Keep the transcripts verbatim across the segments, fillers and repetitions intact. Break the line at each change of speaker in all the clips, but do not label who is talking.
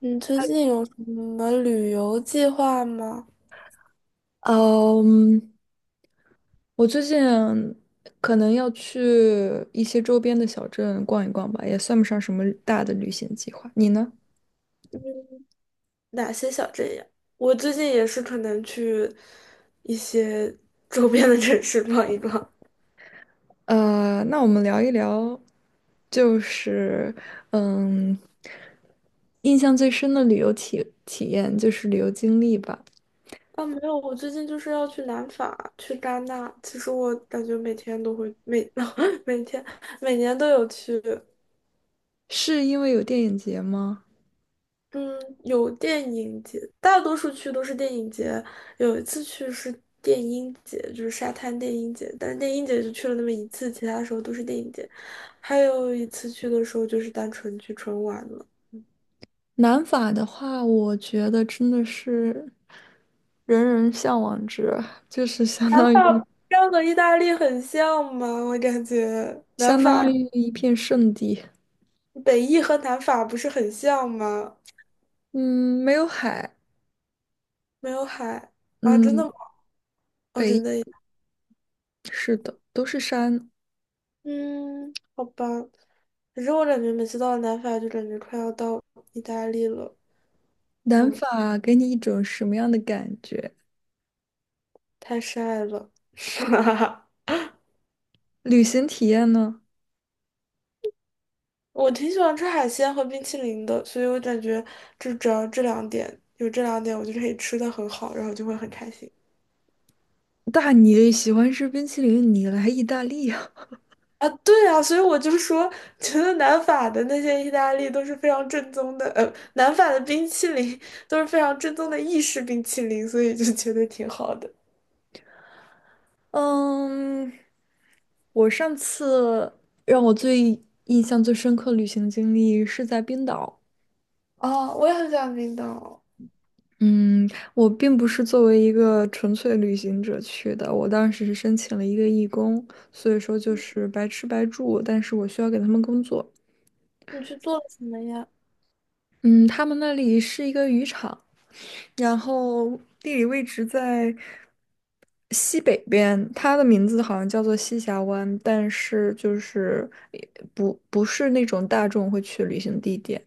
你最近有什么旅游计划吗？
嗯，我最近可能要去一些周边的小镇逛一逛吧，也算不上什么大的旅行计划。你呢？
哪些小镇呀？我最近也是可能去一些 周边的城市逛一逛。
呃，那我们聊一聊，就是嗯，印象最深的旅游体体验就是旅游经历吧。
啊，没有，我最近就是要去南法，去戛纳。其实我感觉每天都会每 每天每年都有去。
是因为有电影节吗？
嗯，有电影节，大多数去都是电影节。有一次去是电音节，就是沙滩电音节，但是电音节就去了那么一次，其他时候都是电影节。还有一次去的时候就是单纯去纯玩了。
南法的话，我觉得真的是人人向往之，就是相当于
这样和意大利很像吗？我感觉南
相
法、
当于一片圣地。
北意和南法不是很像吗？
嗯，没有海，
没有海。啊，真的吗？
嗯，
哦，真的，
北是的，都是山。
嗯，好吧。可是我感觉每次到了南法，就感觉快要到意大利了。
南
嗯。
法给你一种什么样的感觉？
太晒了。
旅行体验呢？
我挺喜欢吃海鲜和冰淇淋的，所以我感觉就只要这两点，有这两点，我就可以吃的很好，然后就会很开心。
大你喜欢吃冰淇淋，你来意大利啊？
啊，对啊，所以我就说，觉得南法的那些意大利都是非常正宗的，呃，南法的冰淇淋都是非常正宗的意式冰淇淋，所以就觉得挺好的。
嗯，我上次让我最印象最深刻旅行经历是在冰岛。
哦，我也很想欢冰岛。
嗯，我并不是作为一个纯粹旅行者去的，我当时是申请了一个义工，所以说就是白吃白住，但是我需要给他们工作。
你去做了什么呀？
嗯，他们那里是一个渔场，然后地理位置在西北边，它的名字好像叫做西峡湾，但是就是也不不是那种大众会去旅行地点，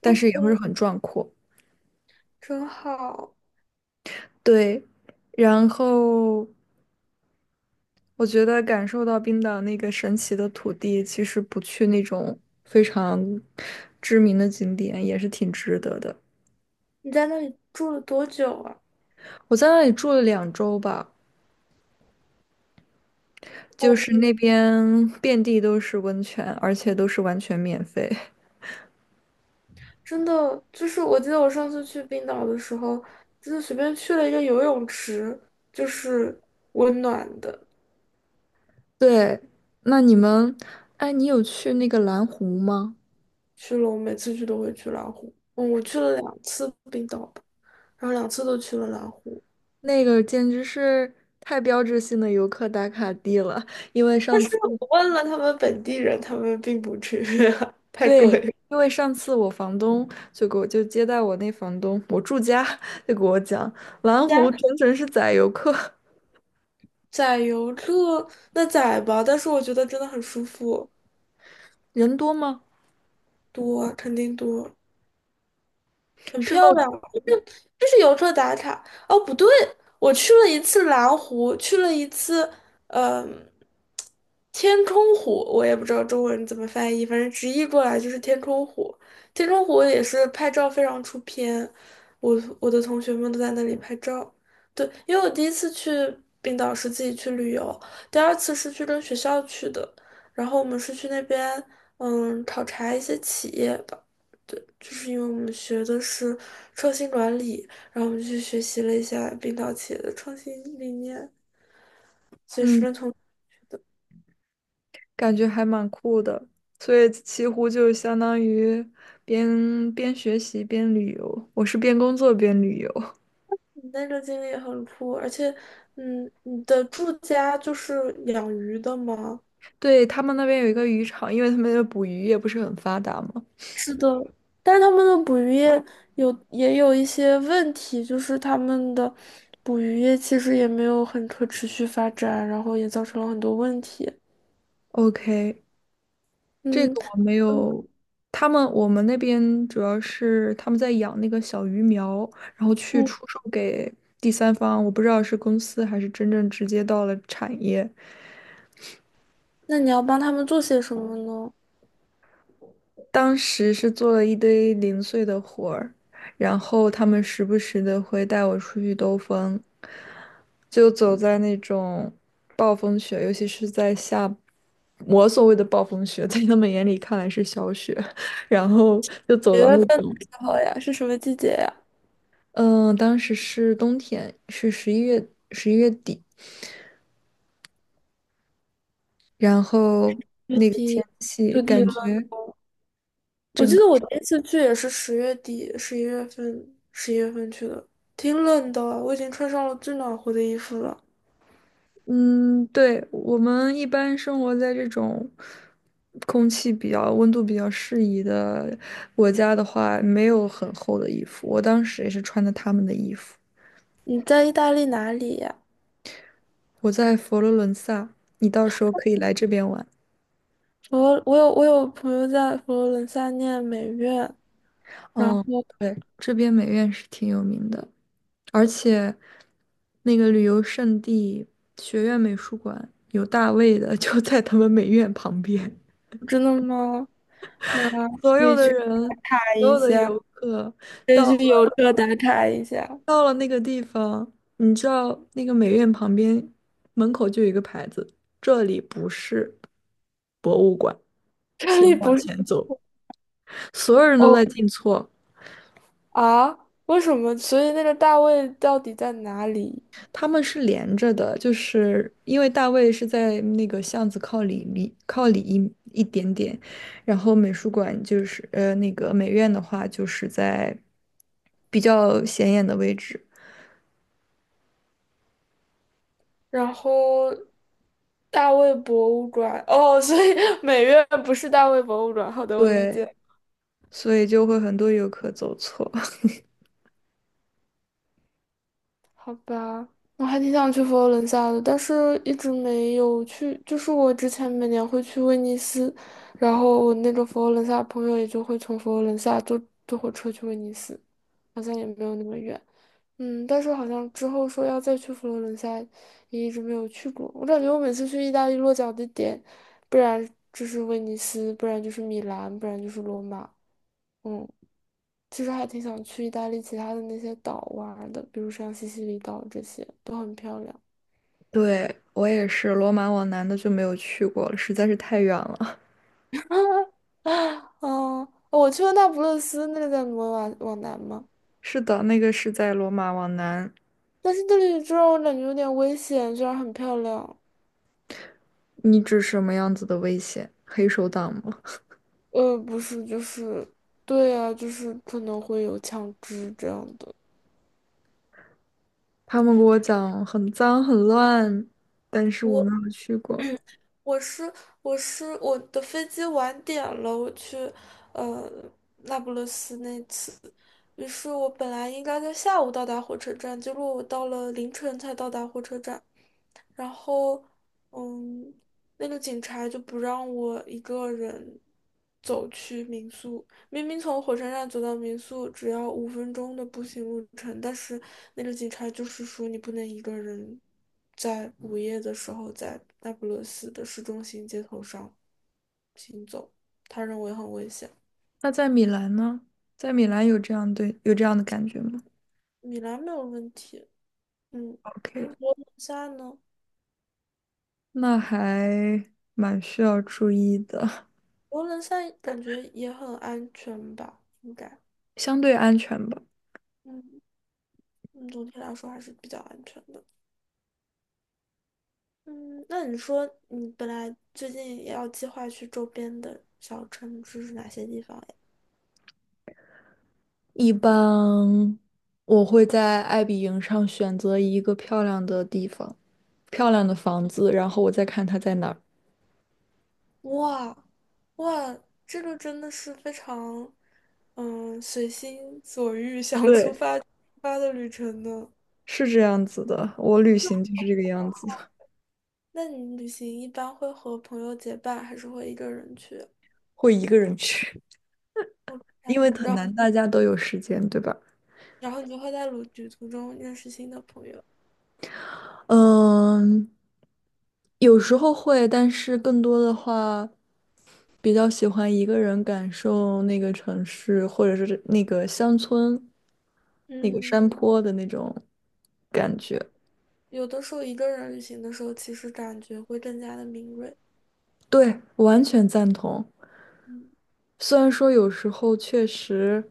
但是也会很壮阔。
真好。
对，然后我觉得感受到冰岛那个神奇的土地，其实不去那种非常知名的景点也是挺值得的。
你在那里住了多久啊？
我在那里住了两周吧。就是那边遍地都是温泉，而且都是完全免费。
真的，就是我记得我上次去冰岛的时候，就是随便去了一个游泳池，就是温暖的。
对，那你们，哎，你有去那个蓝湖吗？
去了，我每次去都会去蓝湖。嗯，我去了两次冰岛吧，然后两次都去了蓝湖。
那个简直是太标志性的游客打卡地了。因为
但
上
是
次，
我问了他们本地人，他们并不去，太
对，
贵了。
因为上次我房东就给我就接待我那房东，我住家就给我讲，蓝湖
加
整整是宰游客，
载游客那载吧，但是我觉得真的很舒服，
人多吗？
多肯定多。很
是
漂
露天。
亮，就是就是游客打卡。哦，不对，我去了一次蓝湖，去了一次，嗯、天空湖，我也不知道中文怎么翻译，反正直译过来就是天空湖。天空湖也是拍照非常出片，我我的同学们都在那里拍照。对，因为我第一次去冰岛是自己去旅游，第二次是去跟学校去的，然后我们是去那边，嗯，考察一些企业吧。对，就是因为我们学的是创新管理，然后我们去学习了一下冰岛企业的创新理念。
嗯感觉还蛮酷的。所以西湖就相当于边边学习边旅游，我是边工作边旅游。
你那个经历也很酷，而且，嗯，你的住家就是养鱼的吗？
对，他们那边有一个渔场，因为他们的捕鱼业不是很发达嘛。
是的，但是他们的捕鱼业有也有一些问题，就是他们的捕鱼业其实也没有很可持续发展，然后也造成了很多问题。
OK，这
嗯
个我没有。他们我们那边主要是他们在养那个小鱼苗，然后去
嗯，
出售给第三方，我不知道是公司还是真正直接到了产业。
那你要帮他们做些什么呢？
当时是做了一堆零碎的活儿，然后他们时不时的会带我出去兜风，就走在那种暴风雪，尤其是在下，我所谓的暴风雪，在他们眼里看来是小雪，然后就
九
走到那
月份
种，
好呀？是什么季节呀？
嗯，当时是冬天，是十一月十一月底，然后
月
那个
底
天气
就底
感
了。
觉。
我记得我第一次去也是十月底、十一月份、十一月份去的，挺冷的，我已经穿上了最暖和的衣服了。
嗯，对，我们一般生活在这种空气比较、温度比较适宜的国家的话，没有很厚的衣服。我当时也是穿的他们的衣服。
你在意大利哪里呀？
我在佛罗伦萨，你到时候可以来这边玩。
我我有我有朋友在佛罗伦萨念美院，然后
嗯，对，这边美院是挺有名的，而且那个旅游胜地学院美术馆有大卫的，就在他们美院旁边。
真的吗？那
所
可
有
以
的
去
人，
看
所
一
有的
下，
游客。
可以
到。
去邮车打卡一下。
到了那个地方，你知道那个美院旁边门口就有一个牌子，这里不是博物馆，
这
请
里
往
不是
前走。所有人都
哦。
在进错，
啊？为什么？所以那个大卫到底在哪里？
他们是连着的，就是因为大卫是在那个巷子靠里里靠里一一点点，然后美术馆就是呃那个美院的话就是在比较显眼的位置，
然后大卫博物馆，哦，所以 美院不是大卫博物馆。好的，我理
对，
解。
所以就会很多游客走错。
好吧，我还挺想去佛罗伦萨的，但是一直没有去。就是我之前每年会去威尼斯，然后我那个佛罗伦萨朋友也就会从佛罗伦萨坐坐火车去威尼斯，好像也没有那么远。嗯，但是好像之后说要再去佛罗伦萨，也一直没有去过。我感觉我每次去意大利落脚的点，不然就是威尼斯，不然就是米兰，不然就是罗马。嗯，其实还挺想去意大利其他的那些岛玩儿的，比如像西西里岛这些都很漂亮。
对，我也是，罗马往南的就没有去过了，实在是太远了。
嗯，我去过那不勒斯，那个在罗马往南嘛，
是的，那个是在罗马往南。
但是那里就让我感觉有点危险，虽然很漂亮。
你指什么样子的危险？黑手党吗？
呃，不是，就是，对啊，就是可能会有枪支这样的。
他们给我讲很脏很乱，但是我
我。
没有去过。
我是我是我的飞机晚点了，我去呃那不勒斯那次，于是我本来应该在下午到达火车站，结果我到了凌晨才到达火车站。然后，嗯，那个警察就不让我一个人走去民宿。明明从火车站走到民宿只要五分钟的步行路程，但是那个警察就是说你不能一个人在午夜的时候在那不勒斯的市中心街头上行走，他认为很危险。
那在米兰呢？在米兰有这样对，有这样的感觉吗
米兰没有问题，嗯，
？OK，
现在呢？
那还蛮需要注意的，
佛罗伦萨感觉也很安全吧，应该。
相对安全吧。
嗯。嗯，总体来说还是比较安全的。嗯，那你说你本来最近也要计划去周边的小城市是哪些地方呀？
一般我会在爱彼迎上选择一个漂亮的地方，漂亮的房子，然后我再看它在哪儿。
哇，哇，这个真的是非常，嗯，随心所欲 想出
对，
发就出发的旅程呢。
是这样子的，我旅行就是这个样子，
那你旅行一般会和朋友结伴，还是会一个人去？
会一个人去，
我然
因为很
后
难大家都有时间，对吧？
然后你就会在旅旅途中认识新的朋友。
嗯，有时候会，但是更多的话，比较喜欢一个人感受那个城市，或者是那个乡村、那个
嗯，
山坡的那种感觉。
有的时候一个人旅行的时候，其实感觉会更加的敏锐。
对，完全赞同。
嗯，
虽然说有时候确实，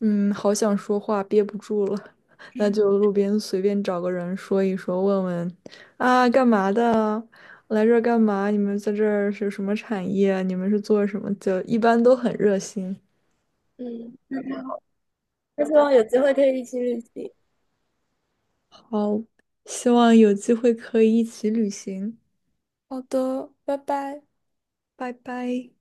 嗯，好想说话憋不住了，那
嗯，
就路边随便找个人说一说，问问啊，干嘛的啊？来这儿干嘛？你们在这儿是什么产业？你们是做什么？就一般都很热心。
嗯，
好，希望有机会可以一起旅行。
好的，拜拜。
拜拜。